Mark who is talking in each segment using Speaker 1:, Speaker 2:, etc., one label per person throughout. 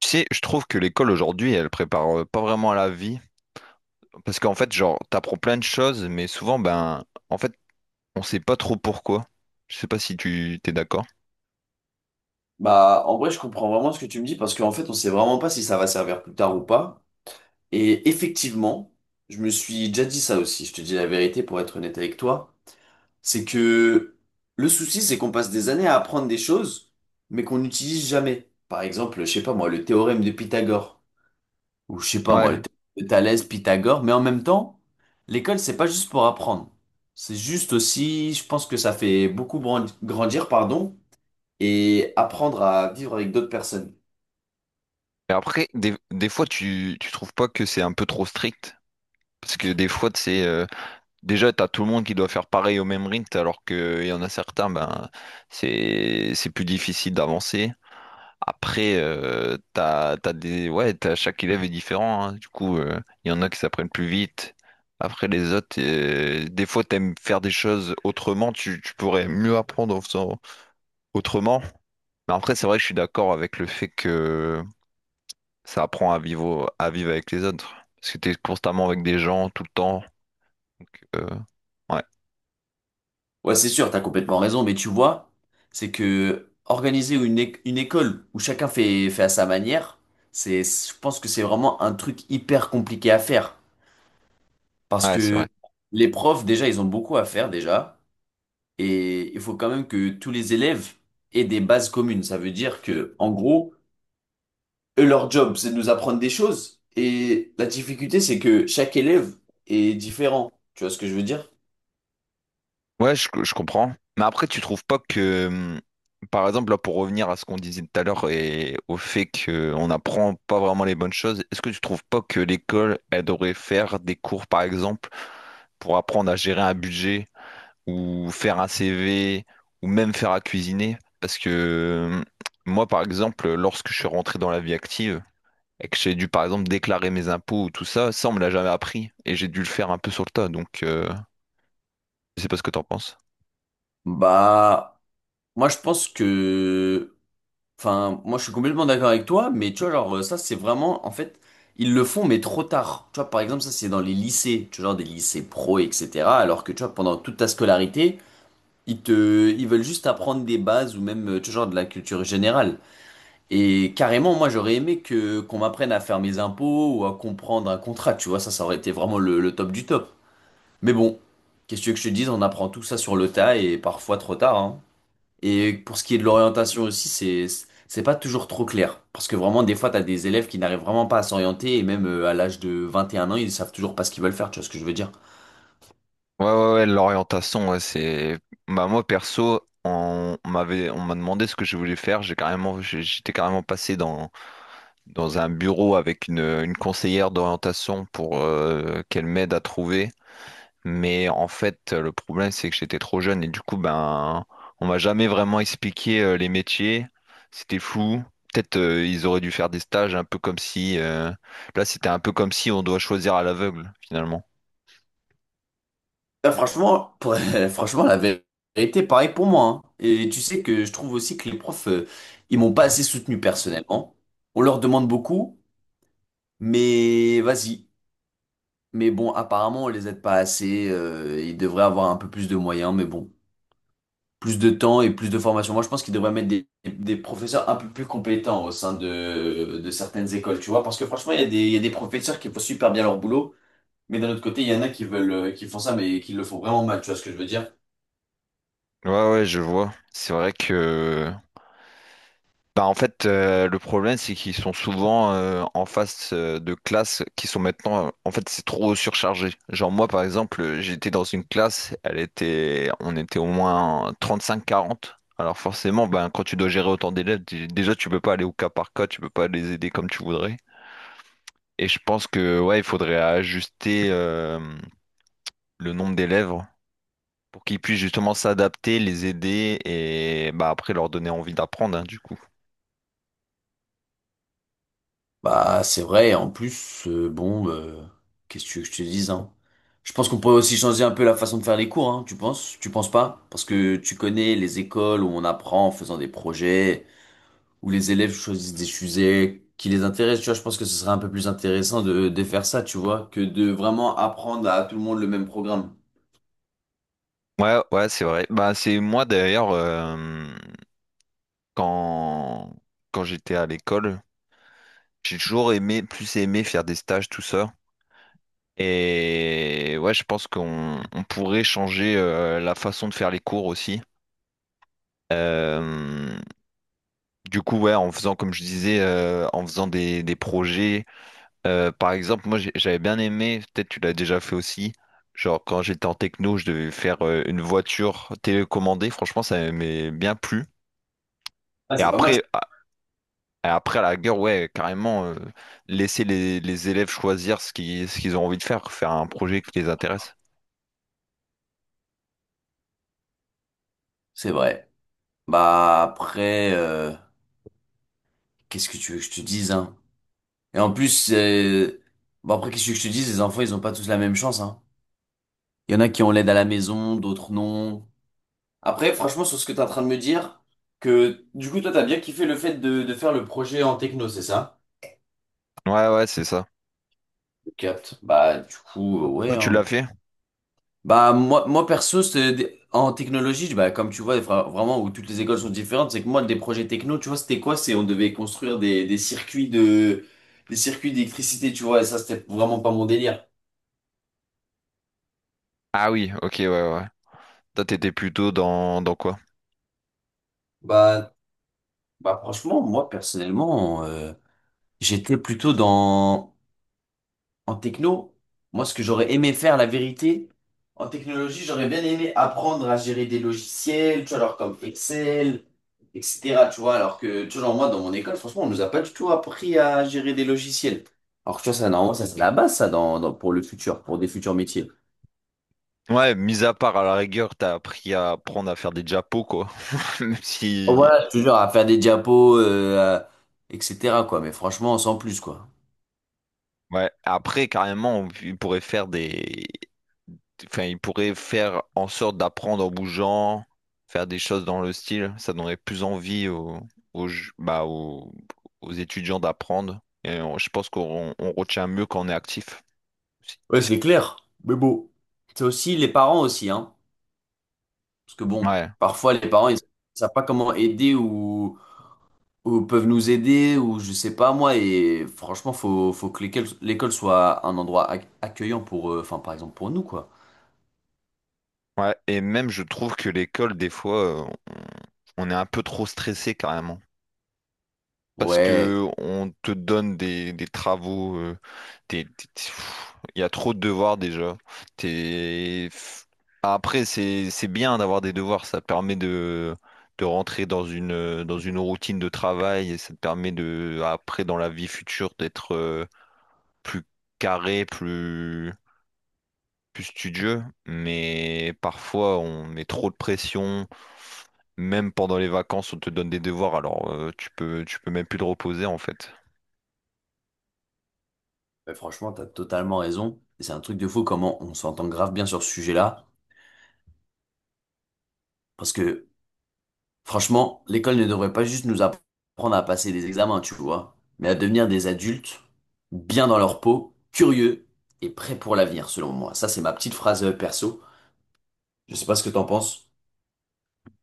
Speaker 1: Tu sais, je trouve que l'école aujourd'hui, elle prépare pas vraiment à la vie. Parce qu'en fait, genre, t'apprends plein de choses, mais souvent, ben, en fait, on sait pas trop pourquoi. Je sais pas si tu t'es d'accord.
Speaker 2: Bah, en vrai, je comprends vraiment ce que tu me dis parce qu'en fait, on sait vraiment pas si ça va servir plus tard ou pas. Et effectivement, je me suis déjà dit ça aussi. Je te dis la vérité pour être honnête avec toi. C'est que le souci, c'est qu'on passe des années à apprendre des choses, mais qu'on n'utilise jamais. Par exemple, je sais pas moi, le théorème de Pythagore. Ou je sais pas moi,
Speaker 1: Ouais.
Speaker 2: le théorème de Thalès, Pythagore. Mais en même temps, l'école, c'est pas juste pour apprendre. C'est juste aussi, je pense que ça fait beaucoup grandir, pardon, et apprendre à vivre avec d'autres personnes.
Speaker 1: Et après, des fois, tu trouves pas que c'est un peu trop strict? Parce que des fois, c'est déjà, t'as tout le monde qui doit faire pareil au même rythme, alors qu'il y en a certains, ben, c'est plus difficile d'avancer. Après, t'as, chaque élève est différent, hein. Du coup, il y en a qui s'apprennent plus vite. Après, les autres, des fois, t'aimes faire des choses autrement. Tu pourrais mieux apprendre en faisant autrement. Mais après, c'est vrai que je suis d'accord avec le fait que ça apprend à vivre avec les autres. Parce que t'es constamment avec des gens tout le temps. Donc, ouais,
Speaker 2: Ouais, c'est sûr, t'as complètement raison, mais tu vois, c'est que organiser une, une école où chacun fait, fait à sa manière, c'est, je pense que c'est vraiment un truc hyper compliqué à faire. Parce
Speaker 1: ouais, c'est
Speaker 2: que
Speaker 1: vrai.
Speaker 2: les profs, déjà, ils ont beaucoup à faire, déjà. Et il faut quand même que tous les élèves aient des bases communes. Ça veut dire que, en gros, eux, leur job, c'est de nous apprendre des choses. Et la difficulté, c'est que chaque élève est différent. Tu vois ce que je veux dire?
Speaker 1: Ouais, je comprends. Mais après, tu trouves pas que, par exemple, là, pour revenir à ce qu'on disait tout à l'heure et au fait qu'on n'apprend pas vraiment les bonnes choses, est-ce que tu trouves pas que l'école, elle devrait faire des cours, par exemple, pour apprendre à gérer un budget ou faire un CV ou même faire à cuisiner? Parce que moi, par exemple, lorsque je suis rentré dans la vie active et que j'ai dû, par exemple, déclarer mes impôts ou tout ça, ça, on me l'a jamais appris et j'ai dû le faire un peu sur le tas. Donc, je sais pas ce que t'en penses.
Speaker 2: Bah, moi, je pense que enfin, moi je suis complètement d'accord avec toi, mais tu vois, genre, ça c'est vraiment, en fait, ils le font, mais trop tard. Tu vois, par exemple, ça c'est dans les lycées, tu vois, genre des lycées pro, etc. Alors que tu vois, pendant toute ta scolarité, ils veulent juste apprendre des bases ou même, tu vois, genre de la culture générale. Et carrément, moi j'aurais aimé que, qu'on m'apprenne à faire mes impôts ou à comprendre un contrat, tu vois, ça aurait été vraiment le top du top. Mais bon, qu'est-ce que tu veux que je te dise, on apprend tout ça sur le tas et parfois trop tard, hein. Et pour ce qui est de l'orientation aussi, c'est pas toujours trop clair. Parce que vraiment, des fois, t'as des élèves qui n'arrivent vraiment pas à s'orienter, et même à l'âge de 21 ans, ils savent toujours pas ce qu'ils veulent faire, tu vois ce que je veux dire.
Speaker 1: Ouais, ouais, ouais, l'orientation, ouais, c'est. Bah, moi, perso, on m'a demandé ce que je voulais faire. J'ai carrément, j'étais carrément passé dans un bureau avec une conseillère d'orientation pour qu'elle m'aide à trouver. Mais en fait, le problème, c'est que j'étais trop jeune et du coup, ben, on m'a jamais vraiment expliqué les métiers. C'était flou. Peut-être ils auraient dû faire des stages un peu comme si... là, c'était un peu comme si on doit choisir à l'aveugle, finalement.
Speaker 2: Là, franchement, franchement, la vérité, pareil pour moi, hein. Et tu sais que je trouve aussi que les profs, ils m'ont pas assez soutenu personnellement. On leur demande beaucoup, mais vas-y. Mais bon, apparemment, on les aide pas assez, ils devraient avoir un peu plus de moyens, mais bon, plus de temps et plus de formation. Moi, je pense qu'ils devraient mettre des professeurs un peu plus compétents au sein de certaines écoles, tu vois. Parce que franchement, il y a des professeurs qui font super bien leur boulot, mais d'un autre côté, il y en a qui veulent, qui font ça, mais qui le font vraiment mal, tu vois ce que je veux dire?
Speaker 1: Ouais, ouais, je vois. C'est vrai que... Bah en fait, le problème, c'est qu'ils sont souvent en face de classes qui sont maintenant... en fait, c'est trop surchargé. Genre moi, par exemple, j'étais dans une classe, on était au moins 35-40. Alors forcément, ben, quand tu dois gérer autant d'élèves, déjà, tu peux pas aller au cas par cas, tu peux pas les aider comme tu voudrais. Et je pense que ouais, il faudrait ajuster le nombre d'élèves pour qu'ils puissent justement s'adapter, les aider et bah après leur donner envie d'apprendre, hein, du coup.
Speaker 2: Bah, c'est vrai. Et en plus, bon, qu'est-ce que tu veux que je te dise, hein? Je pense qu'on pourrait aussi changer un peu la façon de faire les cours, hein, tu penses? Tu penses pas? Parce que tu connais les écoles où on apprend en faisant des projets, où les élèves choisissent des sujets qui les intéressent, tu vois, je pense que ce serait un peu plus intéressant de faire ça, tu vois, que de vraiment apprendre à tout le monde le même programme.
Speaker 1: Ouais, ouais, c'est vrai. Bah, c'est moi d'ailleurs, quand, quand j'étais à l'école, j'ai toujours aimé, plus aimé faire des stages, tout ça. Et ouais, je pense qu'on on pourrait changer la façon de faire les cours aussi. Euh, du coup, ouais, en faisant, comme je disais, en faisant des projets. Par exemple, moi j'avais bien aimé, peut-être tu l'as déjà fait aussi, genre quand j'étais en techno, je devais faire une voiture télécommandée, franchement ça m'aimait bien plu.
Speaker 2: Ah,
Speaker 1: Et
Speaker 2: c'est pas mal.
Speaker 1: après, à, et après à la gueule, ouais, carrément, laisser les élèves choisir ce qu'ils ont envie de faire, faire un projet qui les intéresse.
Speaker 2: C'est vrai. Bah après, qu'est-ce que tu veux que je te dise, hein? Et en plus, bah après, qu'est-ce que je te dise, les enfants, ils ont pas tous la même chance, hein. Il y en a qui ont l'aide à la maison, d'autres non. Après, franchement, sur ce que tu es en train de me dire, que du coup, toi, t'as bien kiffé le fait de faire le projet en techno, c'est ça?
Speaker 1: Ouais, ouais, c'est ça.
Speaker 2: Je capte. Bah du coup,
Speaker 1: Toi,
Speaker 2: ouais,
Speaker 1: tu l'as
Speaker 2: hein.
Speaker 1: fait?
Speaker 2: Bah moi, moi perso, en technologie, bah, comme tu vois, vraiment où toutes les écoles sont différentes, c'est que moi des projets techno, tu vois, c'était quoi? C'est on devait construire des circuits de des circuits d'électricité, tu vois, et ça c'était vraiment pas mon délire.
Speaker 1: Ah oui, ok, ouais, ouais. Toi, t'étais plutôt dans quoi?
Speaker 2: Bah bah franchement, moi personnellement, j'étais plutôt dans en techno, moi, ce que j'aurais aimé faire, la vérité, en technologie, j'aurais bien aimé apprendre à gérer des logiciels, tu vois, alors comme Excel, etc., tu vois, alors que, tu vois, genre, moi, dans mon école, franchement, on nous a pas du tout appris à gérer des logiciels. Alors que, tu vois, ça, normalement, ça, c'est la base, ça, pour le futur, pour des futurs métiers.
Speaker 1: Ouais, mis à part à la rigueur, t'as appris à apprendre à faire des diapos, quoi. Même
Speaker 2: Bon,
Speaker 1: si
Speaker 2: voilà, je te jure, à faire des diapos, etc., quoi, mais franchement, sans plus, quoi.
Speaker 1: ouais. Après, carrément, il pourrait faire des. Enfin, il pourrait faire en sorte d'apprendre en bougeant, faire des choses dans le style. Ça donnerait plus envie aux, aux, ju- bah, aux, aux étudiants d'apprendre. Et je pense qu'on on retient mieux quand on est actif aussi.
Speaker 2: Ouais, c'est clair, mais bon. C'est aussi les parents aussi, hein, parce que bon,
Speaker 1: Ouais.
Speaker 2: parfois, les parents, ils savent pas comment aider ou peuvent nous aider, ou je sais pas moi, et franchement, faut que l'école soit un endroit accueillant pour, enfin, par exemple, pour nous, quoi.
Speaker 1: Ouais. Et même, je trouve que l'école, des fois, on est un peu trop stressé carrément, parce
Speaker 2: Ouais,
Speaker 1: que on te donne des travaux, il y a trop de devoirs déjà. T'es- après, c'est bien d'avoir des devoirs, ça te permet de rentrer dans une routine de travail et ça te permet de, après, dans la vie future, d'être plus carré, plus studieux. Mais parfois, on met trop de pression. Même pendant les vacances, on te donne des devoirs, alors tu peux même plus te reposer en fait.
Speaker 2: mais franchement, t'as totalement raison. Et c'est un truc de fou comment on s'entend grave bien sur ce sujet-là, parce que franchement, l'école ne devrait pas juste nous apprendre à passer des examens, tu vois, mais à devenir des adultes, bien dans leur peau, curieux et prêts pour l'avenir, selon moi. Ça, c'est ma petite phrase perso. Je sais pas ce que t'en penses.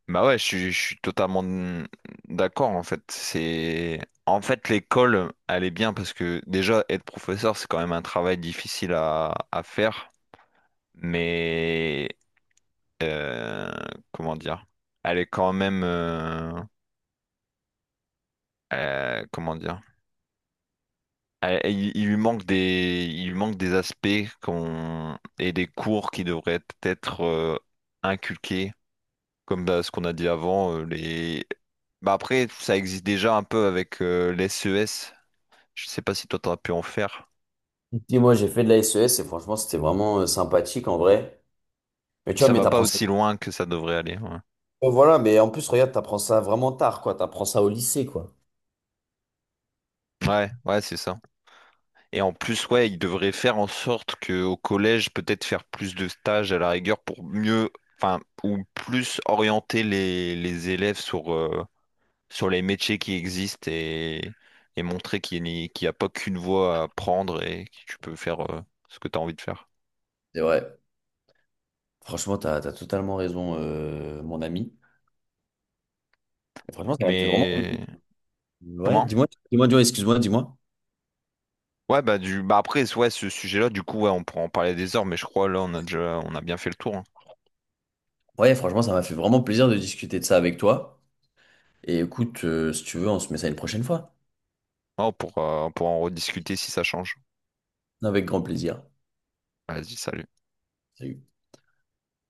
Speaker 1: Bah ouais, je suis totalement d'accord en fait. C'est en fait l'école, elle est bien parce que déjà être professeur, c'est quand même un travail difficile à faire, mais euh, comment dire, elle est quand même comment dire, il lui manque des il lui manque des aspects qu'on et des cours qui devraient être inculqués. Comme bah, ce qu'on a dit avant, les... bah, après, ça existe déjà un peu avec les SES. Je sais pas si toi, t'as pu en faire.
Speaker 2: Dis, moi, j'ai fait de la SES et franchement, c'était vraiment sympathique en vrai. Mais tu vois,
Speaker 1: Ça
Speaker 2: mais
Speaker 1: va pas
Speaker 2: t'apprends ça.
Speaker 1: aussi loin que ça devrait aller. Ouais,
Speaker 2: Oh, voilà, mais en plus, regarde, t'apprends ça vraiment tard, quoi. T'apprends ça au lycée, quoi.
Speaker 1: ouais, ouais, c'est ça. Et en plus, ouais, ils devraient faire en sorte qu'au collège, peut-être faire plus de stages à la rigueur pour mieux, enfin, ou plus orienter les élèves sur, sur les métiers qui existent et montrer qu'il n'y a pas qu'une voie à prendre et que tu peux faire ce que tu as envie de faire.
Speaker 2: C'est vrai. Franchement, t'as totalement raison, mon ami. Et franchement, ça m'a fait vraiment plaisir.
Speaker 1: Mais
Speaker 2: Ouais,
Speaker 1: comment?
Speaker 2: dis-moi, excuse-moi, dis-moi.
Speaker 1: Ouais, bah, du... bah après, ouais, ce sujet-là, du coup, ouais, on pourra en parler des heures, mais je crois là, on a bien fait le tour, hein.
Speaker 2: Ouais, franchement, ça m'a fait vraiment plaisir de discuter de ça avec toi. Et écoute, si tu veux, on se met ça une prochaine fois.
Speaker 1: Oh, pour, on pourra en rediscuter si ça change.
Speaker 2: Avec grand plaisir.
Speaker 1: Vas-y, salut.
Speaker 2: Salut.